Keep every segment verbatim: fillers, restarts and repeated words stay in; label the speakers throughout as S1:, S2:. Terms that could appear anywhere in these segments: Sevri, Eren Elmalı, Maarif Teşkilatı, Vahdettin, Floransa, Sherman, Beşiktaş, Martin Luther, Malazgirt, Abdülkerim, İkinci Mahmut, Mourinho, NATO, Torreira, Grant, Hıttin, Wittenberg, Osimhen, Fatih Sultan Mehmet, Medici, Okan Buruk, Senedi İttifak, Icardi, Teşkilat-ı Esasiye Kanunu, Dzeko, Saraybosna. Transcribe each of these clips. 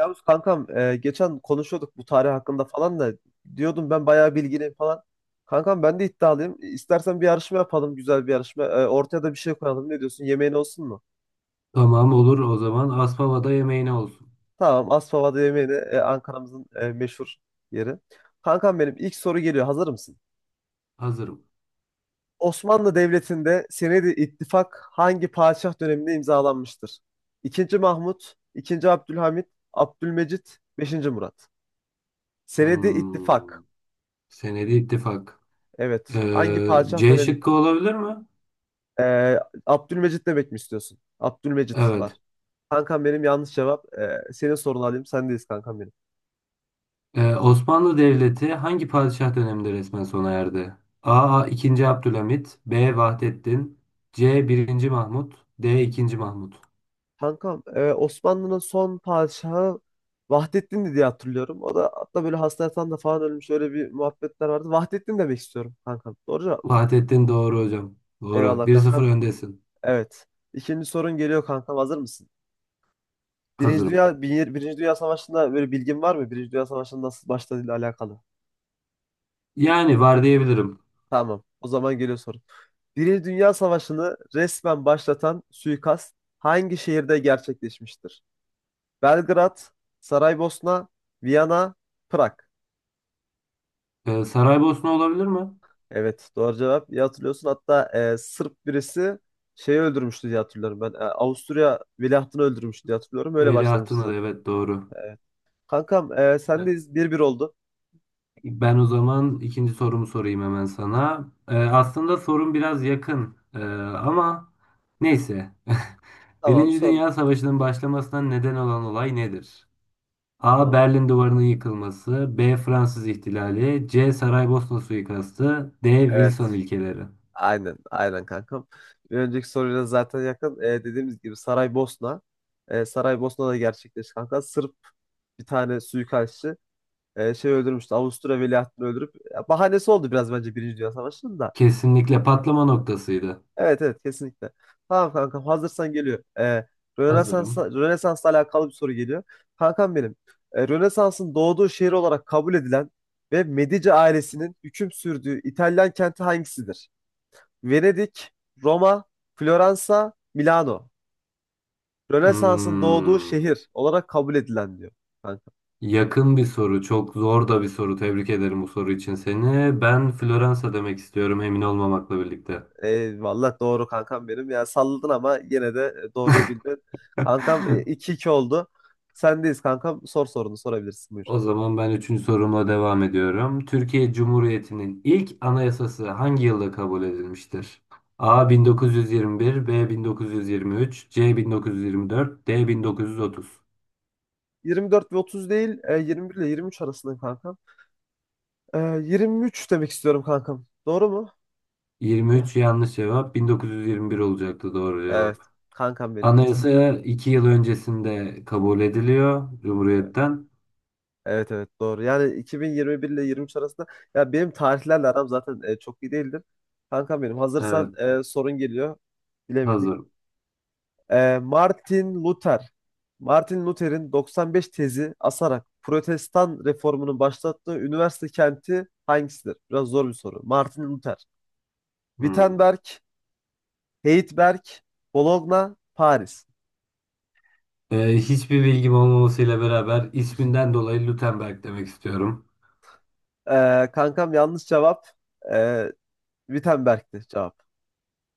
S1: Yavuz kankam e, geçen konuşuyorduk bu tarih hakkında falan da diyordum ben bayağı bilgiliyim falan. Kankam ben de iddialıyım. İstersen bir yarışma yapalım, güzel bir yarışma. E, ortaya da bir şey koyalım. Ne diyorsun? Yemeğin olsun mu?
S2: Tamam olur o zaman. Aspava'da yemeğine olsun.
S1: Tamam, Aspava'da yemeğine, e, Ankara'mızın e, meşhur yeri. Kankam benim ilk soru geliyor. Hazır mısın?
S2: Hazırım.
S1: Osmanlı Devleti'nde Senedi İttifak hangi padişah döneminde imzalanmıştır? İkinci Mahmut, İkinci Abdülhamit, Abdülmecit, Beşinci Murat. Senedi
S2: Hmm.
S1: İttifak.
S2: Senedi ittifak.
S1: Evet. Hangi
S2: Ee,
S1: padişah
S2: C
S1: dönemi?
S2: şıkkı olabilir mi?
S1: Ee, Abdülmecit demek mi istiyorsun? Abdülmecit var.
S2: Evet.
S1: Kankam benim yanlış cevap. Ee, senin sorunu alayım. Sendeyiz kankam benim.
S2: Ee, Osmanlı Devleti hangi padişah döneminde resmen sona erdi? A. ikinci Abdülhamit, B. Vahdettin, C. birinci Mahmut, D. ikinci Mahmut.
S1: Kankam, e, Osmanlı'nın son padişahı Vahdettin'di diye hatırlıyorum. O da hatta böyle hasta yatağında falan ölmüş. Öyle bir muhabbetler vardı. Vahdettin demek istiyorum kankam. Doğru cevap mı?
S2: Vahdettin doğru hocam. Doğru.
S1: Eyvallah
S2: Bir sıfır
S1: kankam.
S2: öndesin.
S1: Evet. İkinci sorun geliyor kankam. Hazır mısın? Birinci
S2: Hazırım.
S1: Dünya, Bir- Birinci Dünya Savaşı'nda böyle bilgin var mı? Birinci Dünya Savaşı'nın nasıl başladığıyla alakalı.
S2: Yani var diyebilirim.
S1: Tamam. O zaman geliyor soru. Birinci Dünya Savaşı'nı resmen başlatan suikast hangi şehirde gerçekleşmiştir? Belgrad, Saraybosna, Viyana, Prag.
S2: Ee, Saraybosna olabilir mi?
S1: Evet, doğru cevap. İyi hatırlıyorsun. Hatta e, Sırp birisi şeyi öldürmüştü diye hatırlıyorum ben. E, Avusturya veliahtını öldürmüştü diye hatırlıyorum. Öyle başlamıştı
S2: Veliahtına da
S1: zaten.
S2: evet doğru.
S1: Kankam, e, sendeyiz. Bir bir oldu.
S2: Ben o zaman ikinci sorumu sorayım hemen sana. Ee, aslında sorun biraz yakın Ee, ama neyse.
S1: Tamam,
S2: Birinci
S1: sor.
S2: Dünya Savaşı'nın başlamasına neden olan olay nedir? A.
S1: Tamam.
S2: Berlin Duvarı'nın yıkılması, B. Fransız ihtilali, C. Saraybosna suikastı, D. Wilson
S1: Evet.
S2: ilkeleri.
S1: Aynen, aynen kankam. Bir önceki soruyla zaten yakın. E, dediğimiz gibi Saraybosna. E, Saraybosna'da gerçekleşti kanka. Sırp bir tane suikastçı, e, şey öldürmüştü. Avusturya veliahtını öldürüp ya, bahanesi oldu biraz bence Birinci Dünya Savaşı'nın da.
S2: Kesinlikle patlama noktasıydı.
S1: Evet evet kesinlikle. Tamam kankam, hazırsan geliyor. E, Rönesans'la,
S2: Hazırım.
S1: Rönesans'la alakalı bir soru geliyor. Kankam benim. e, Rönesans'ın doğduğu şehir olarak kabul edilen ve Medici ailesinin hüküm sürdüğü İtalyan kenti hangisidir? Venedik, Roma, Floransa, Milano. Rönesans'ın doğduğu
S2: Hmm,
S1: şehir olarak kabul edilen diyor. Kanka.
S2: yakın bir soru, çok zor da bir soru. Tebrik ederim bu soru için seni. Ben Floransa demek istiyorum, emin olmamakla birlikte.
S1: Eyvallah, doğru kankam benim. Ya salladın ama yine de e, doğruyu bildin. Kankam, e, iki 2 oldu. Sendeyiz kankam. Sor sorunu sorabilirsin, buyur.
S2: O zaman ben üçüncü sorumla devam ediyorum. Türkiye Cumhuriyeti'nin ilk anayasası hangi yılda kabul edilmiştir? A bin dokuz yüz yirmi bir, B bin dokuz yüz yirmi üç, C bin dokuz yüz yirmi dört, D bin dokuz yüz otuz.
S1: yirmi dört ve otuz değil, e, yirmi bir ile yirmi üç arasındayım kankam. E, yirmi üç demek istiyorum kankam. Doğru mu? Ya,
S2: yirmi üç yanlış cevap, bin dokuz yüz yirmi bir olacaktı doğru
S1: evet.
S2: cevap.
S1: Kankam benim. İki. Evet.
S2: Anayasa iki yıl öncesinde kabul ediliyor Cumhuriyet'ten.
S1: Evet evet doğru. Yani iki bin yirmi bir ile yirmi üç arasında, ya benim tarihlerle aram zaten e, çok iyi değildir. Kankam benim,
S2: Evet,
S1: hazırsan e, sorun geliyor. Bilemedik.
S2: hazırım.
S1: E, Martin Luther. Martin Luther'in doksan beş tezi asarak Protestan reformunu başlattığı üniversite kenti hangisidir? Biraz zor bir soru. Martin Luther.
S2: Hmm.
S1: Wittenberg, Heidelberg, Bologna, Paris.
S2: Ee, hiçbir bilgim olmamasıyla beraber isminden dolayı Gutenberg demek istiyorum.
S1: E, Kankam, yanlış cevap. E, Wittenberg'ti cevap.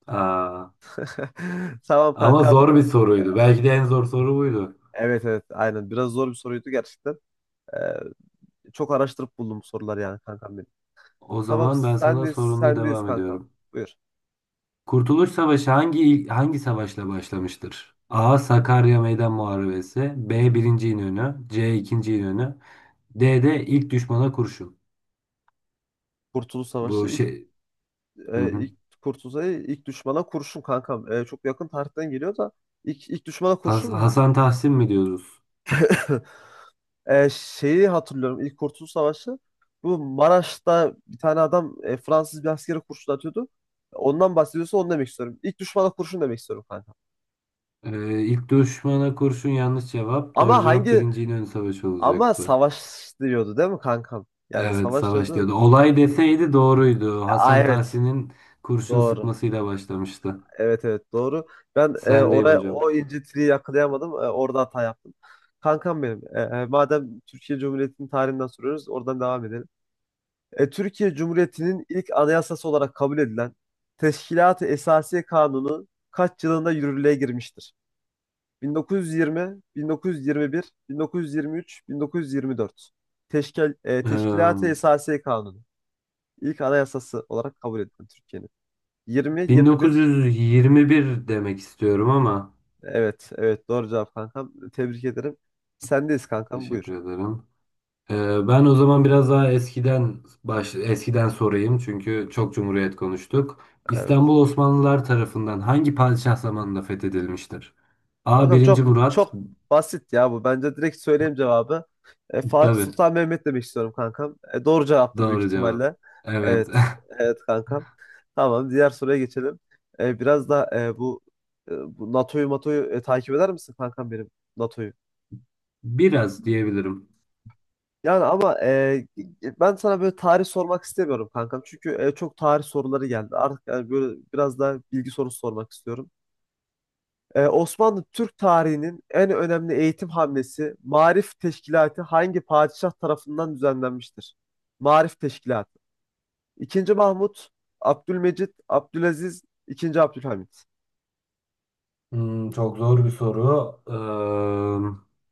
S2: Aa.
S1: Tamam
S2: Ama
S1: kankam.
S2: zor bir soruydu. Belki de en zor soru buydu.
S1: Evet evet aynen. Biraz zor bir soruydu gerçekten. Ee, Çok araştırıp buldum bu soruları yani kankam benim.
S2: O
S1: Tamam,
S2: zaman ben sana
S1: sendeyiz,
S2: sorumla
S1: sendeyiz
S2: devam
S1: kankam.
S2: ediyorum.
S1: Buyur.
S2: Kurtuluş Savaşı hangi hangi savaşla başlamıştır? A. Sakarya Meydan Muharebesi, B. Birinci İnönü, C. İkinci İnönü, D de ilk düşmana kurşun.
S1: Kurtuluş Savaşı
S2: Bu
S1: ilk,
S2: şey. Hı
S1: e,
S2: hı.
S1: ilk Kurtuluş Savaşı ilk düşmana kurşun kankam. E, çok yakın tarihten geliyor da ilk, ilk düşmana
S2: Has-
S1: kurşun mu?
S2: Hasan Tahsin mi diyoruz?
S1: E, şeyi hatırlıyorum ilk Kurtuluş Savaşı. Bu Maraş'ta bir tane adam, e, Fransız bir askere kurşun atıyordu. Ondan bahsediyorsa onu demek istiyorum. İlk düşmana kurşun demek istiyorum kanka.
S2: Ee, ilk düşmana kurşun yanlış cevap. Doğru
S1: Ama
S2: cevap
S1: hangi,
S2: Birinci İnönü Savaşı
S1: ama
S2: olacaktı.
S1: savaş diyordu değil mi kankam? Yani
S2: Evet,
S1: savaş
S2: savaş diyordu.
S1: diyordu.
S2: Olay deseydi
S1: Hmm.
S2: doğruydu.
S1: Aa,
S2: Hasan
S1: evet.
S2: Tahsin'in kurşun
S1: Doğru.
S2: sıkmasıyla başlamıştı.
S1: Evet evet doğru. Ben, e,
S2: Sendeyim
S1: oraya
S2: hocam.
S1: o incitiliği yakalayamadım. E, orada hata yaptım. Kankam benim. E, e, madem Türkiye Cumhuriyeti'nin tarihinden soruyoruz, oradan devam edelim. E, Türkiye Cumhuriyeti'nin ilk anayasası olarak kabul edilen Teşkilat-ı Esasiye Kanunu kaç yılında yürürlüğe girmiştir? bin dokuz yüz yirmi, bin dokuz yüz yirmi bir, bin dokuz yüz yirmi üç, bin dokuz yüz yirmi dört. Teşkil, e, Teşkilat-ı
S2: Ee,
S1: Esasiye Kanunu. İlk anayasası olarak kabul edilen Türkiye'nin. yirmi, yirmi bir.
S2: bin dokuz yüz yirmi bir demek istiyorum ama
S1: Evet, evet doğru cevap kankam. Tebrik ederim. Sendeyiz kankam, buyur.
S2: teşekkür ederim. Ee, ben o zaman biraz daha eskiden baş, eskiden sorayım çünkü çok Cumhuriyet konuştuk.
S1: Evet.
S2: İstanbul Osmanlılar tarafından hangi padişah zamanında fethedilmiştir? A.
S1: Kankam,
S2: birinci
S1: çok
S2: Murat.
S1: çok basit ya bu. Bence direkt söyleyeyim cevabı. E, Fatih
S2: Tabii.
S1: Sultan Mehmet demek istiyorum kankam. E, doğru cevaptır büyük
S2: Doğru cevap.
S1: ihtimalle.
S2: Evet.
S1: Evet. Evet kankam. Tamam, diğer soruya geçelim. E, biraz da e, bu, e, bu NATO'yu NATO'yu e, takip eder misin kankam benim NATO'yu?
S2: Biraz diyebilirim.
S1: Yani ama e, e, ben sana böyle tarih sormak istemiyorum kankam. Çünkü e, çok tarih soruları geldi. Artık yani böyle biraz daha bilgi sorusu sormak istiyorum. Ee, Osmanlı Türk tarihinin en önemli eğitim hamlesi Maarif Teşkilatı hangi padişah tarafından düzenlenmiştir? Maarif Teşkilatı. İkinci Mahmut, Abdülmecit, Abdülaziz, İkinci Abdülhamit.
S2: Hmm, çok zor bir soru.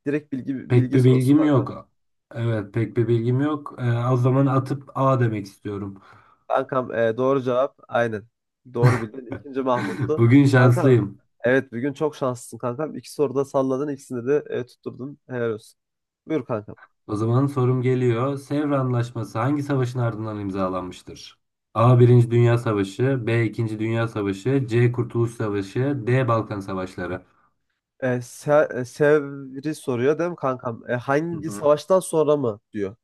S1: Direkt bilgi
S2: Pek
S1: bilgi
S2: bir
S1: sorusu
S2: bilgim
S1: kankam.
S2: yok. Evet, pek bir bilgim yok. Ee, o zaman atıp A demek istiyorum.
S1: Kankam, e, doğru cevap aynen. Doğru bildin. İkinci Mahmut'tu.
S2: Bugün
S1: Kankam,
S2: şanslıyım.
S1: evet bugün çok şanslısın kankam. İki soruda salladın, ikisinde de e, tutturdun. Helal olsun. Buyur kankam.
S2: O zaman sorum geliyor. Sevr Anlaşması hangi savaşın ardından imzalanmıştır? A. Birinci Dünya Savaşı, B. İkinci Dünya Savaşı, C. Kurtuluş Savaşı, D. Balkan Savaşları.
S1: E, Se- e, Sevri soruyor değil mi kankam? E,
S2: Hı
S1: hangi
S2: hı.
S1: savaştan sonra mı diyor.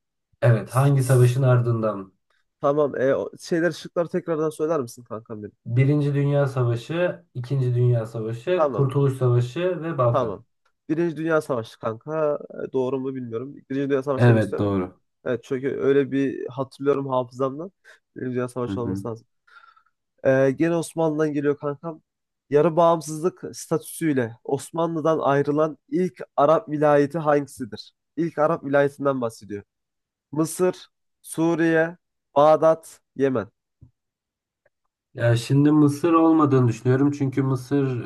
S2: Evet,
S1: S-
S2: hangi savaşın
S1: s-
S2: ardından?
S1: Tamam. E, o şeyler şıkları tekrardan söyler misin kankam benim?
S2: Birinci Dünya Savaşı, İkinci Dünya Savaşı,
S1: Tamam.
S2: Kurtuluş Savaşı ve Balkan.
S1: Tamam. Birinci Dünya Savaşı kanka. E, doğru mu bilmiyorum. Birinci Dünya Savaşı demek
S2: Evet,
S1: istiyorum.
S2: doğru.
S1: Evet, çünkü öyle bir hatırlıyorum hafızamdan. Birinci Dünya
S2: Hı
S1: Savaşı
S2: hı.
S1: olması lazım. E, gene Osmanlı'dan geliyor kankam. Yarı bağımsızlık statüsüyle Osmanlı'dan ayrılan ilk Arap vilayeti hangisidir? İlk Arap vilayetinden bahsediyor. Mısır, Suriye, Bağdat, Yemen.
S2: Ya şimdi Mısır olmadığını düşünüyorum çünkü Mısır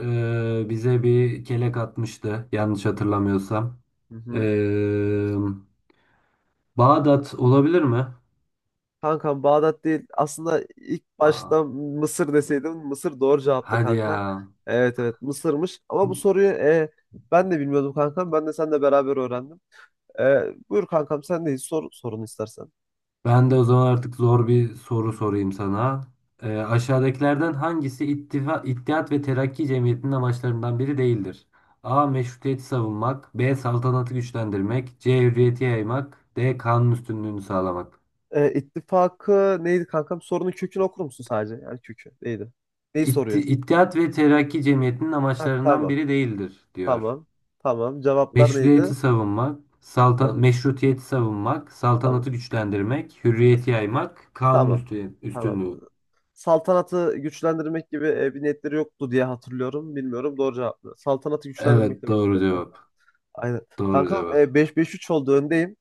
S2: e, bize bir kelek atmıştı yanlış hatırlamıyorsam.
S1: Hı
S2: E,
S1: hı.
S2: Bağdat olabilir mi?
S1: Kankam, Bağdat değil. Aslında ilk
S2: Aa,
S1: başta Mısır deseydim Mısır doğru cevaptı
S2: hadi ya.
S1: kanka. Evet evet Mısır'mış. Ama bu soruyu, e, ben de bilmiyordum kankam. Ben de seninle beraber öğrendim. E, buyur kankam, sen de sor sorunu istersen.
S2: Ben de o zaman artık zor bir soru sorayım sana. E, aşağıdakilerden hangisi İttifa, İttihat ve Terakki Cemiyeti'nin amaçlarından biri değildir? A. Meşrutiyeti savunmak, B. Saltanatı güçlendirmek, C. Hürriyeti yaymak, D. Kanun üstünlüğünü sağlamak.
S1: E, ittifakı neydi kankam? Sorunun kökünü okur musun sadece? Yani kökü neydi? Neyi
S2: İtti-
S1: soruyor?
S2: İttihat ve Terakki Cemiyeti'nin
S1: Ha,
S2: amaçlarından
S1: tamam.
S2: biri değildir diyor.
S1: Tamam. Tamam. Cevaplar
S2: Meşruiyeti
S1: neydi?
S2: savunmak, salta,
S1: Tamam.
S2: meşrutiyeti savunmak,
S1: Tamam.
S2: saltanatı güçlendirmek, hürriyeti yaymak, kanun
S1: Tamam.
S2: üstü-
S1: Tamam.
S2: üstünlüğü.
S1: Saltanatı güçlendirmek gibi e, bir niyetleri yoktu diye hatırlıyorum. Bilmiyorum, doğru cevap mı? Saltanatı güçlendirmek
S2: Evet
S1: demek
S2: doğru
S1: istiyorum kanka.
S2: cevap.
S1: Aynen.
S2: Doğru
S1: Kankam, e,
S2: cevap.
S1: beş 5 üç oldu, öndeyim.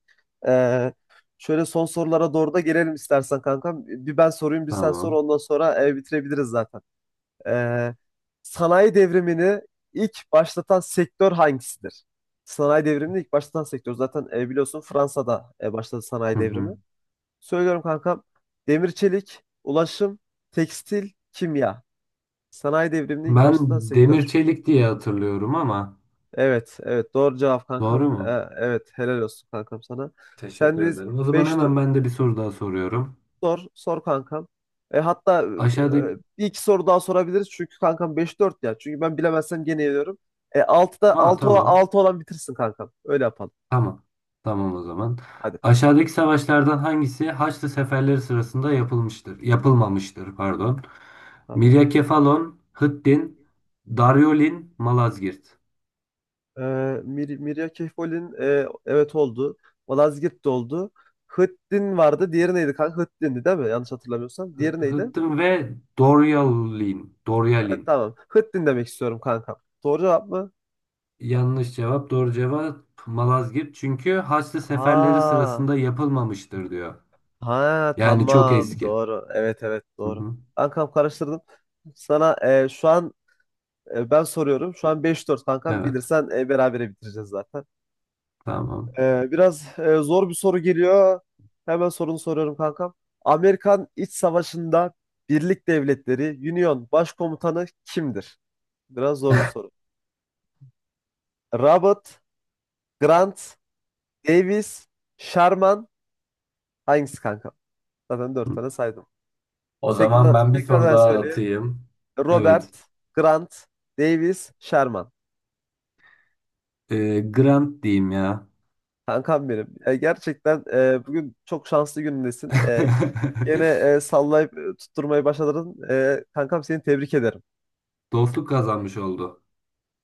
S1: E, Şöyle son sorulara doğru da gelelim istersen kankam. Bir ben sorayım, bir sen sor,
S2: Tamam.
S1: ondan sonra e, bitirebiliriz zaten. E, Sanayi devrimini ilk başlatan sektör hangisidir? Sanayi devrimini ilk başlatan sektör. Zaten e, biliyorsun Fransa'da e, başladı sanayi
S2: Hı hı.
S1: devrimi. Söylüyorum kankam. Demir çelik, ulaşım, tekstil, kimya. Sanayi devriminin ilk
S2: Ben
S1: başlatan
S2: demir
S1: sektör.
S2: çelik diye hatırlıyorum ama
S1: Evet, evet doğru cevap kankam.
S2: doğru
S1: Ee,
S2: mu?
S1: evet, helal olsun kankam sana.
S2: Teşekkür
S1: Sendeyiz
S2: ederim. O zaman
S1: beş,
S2: hemen ben de bir soru daha soruyorum.
S1: sor, sor kankam. E, hatta e,
S2: Aşağıdaki...
S1: bir iki soru daha sorabiliriz çünkü kankam beş dört ya. Çünkü ben bilemezsem gene yeniyorum. E, altıda
S2: Aa,
S1: altı olan,
S2: tamam.
S1: altı olan bitirsin kankam. Öyle yapalım.
S2: Tamam. Tamam o zaman.
S1: Hadi.
S2: Aşağıdaki savaşlardan hangisi Haçlı seferleri sırasında yapılmıştır? Yapılmamıştır, pardon.
S1: Tamam.
S2: Miryakefalon, Hıttin, Daryolin, Malazgirt.
S1: Ee, Mir Mirya Kehfol'in e, evet oldu. Malazgirt de oldu. Hıttin vardı. Diğeri neydi kanka? Hıttin'di değil mi? Yanlış hatırlamıyorsam.
S2: Hı-
S1: Diğeri neydi?
S2: Hıttin ve Doryalin.
S1: Evet,
S2: Doryalin.
S1: tamam. Hıttin demek istiyorum kanka. Doğru cevap mı?
S2: Yanlış cevap, doğru cevap Malazgirt. Çünkü Haçlı seferleri
S1: Ha.
S2: sırasında yapılmamıştır diyor.
S1: Ha
S2: Yani çok
S1: tamam,
S2: eski.
S1: doğru. Evet evet
S2: Hı
S1: doğru.
S2: hı.
S1: Kankam karıştırdım. Sana e, şu an e, ben soruyorum. Şu an beş dört kankam.
S2: Evet,
S1: Bilirsen e, berabere bitireceğiz zaten.
S2: tamam.
S1: Ee, biraz e, zor bir soru geliyor. Hemen sorunu soruyorum kankam. Amerikan İç Savaşı'nda Birlik Devletleri Union Başkomutanı kimdir? Biraz zor bir soru. Robert, Grant, Davis, Sherman, hangisi kanka? Zaten dört
S2: Hı.
S1: tane saydım.
S2: O zaman
S1: Tekrar,
S2: ben bir soru
S1: tekrardan
S2: daha
S1: söyleyeyim.
S2: atayım. Evet.
S1: Robert, Grant, Davis, Sherman.
S2: Ee, Grant diyeyim ya.
S1: Kankam benim. E, gerçekten e, bugün çok şanslı günündesin. E, Yine e, sallayıp e, tutturmayı başardın. E, kankam, seni tebrik ederim.
S2: Dostluk kazanmış oldu.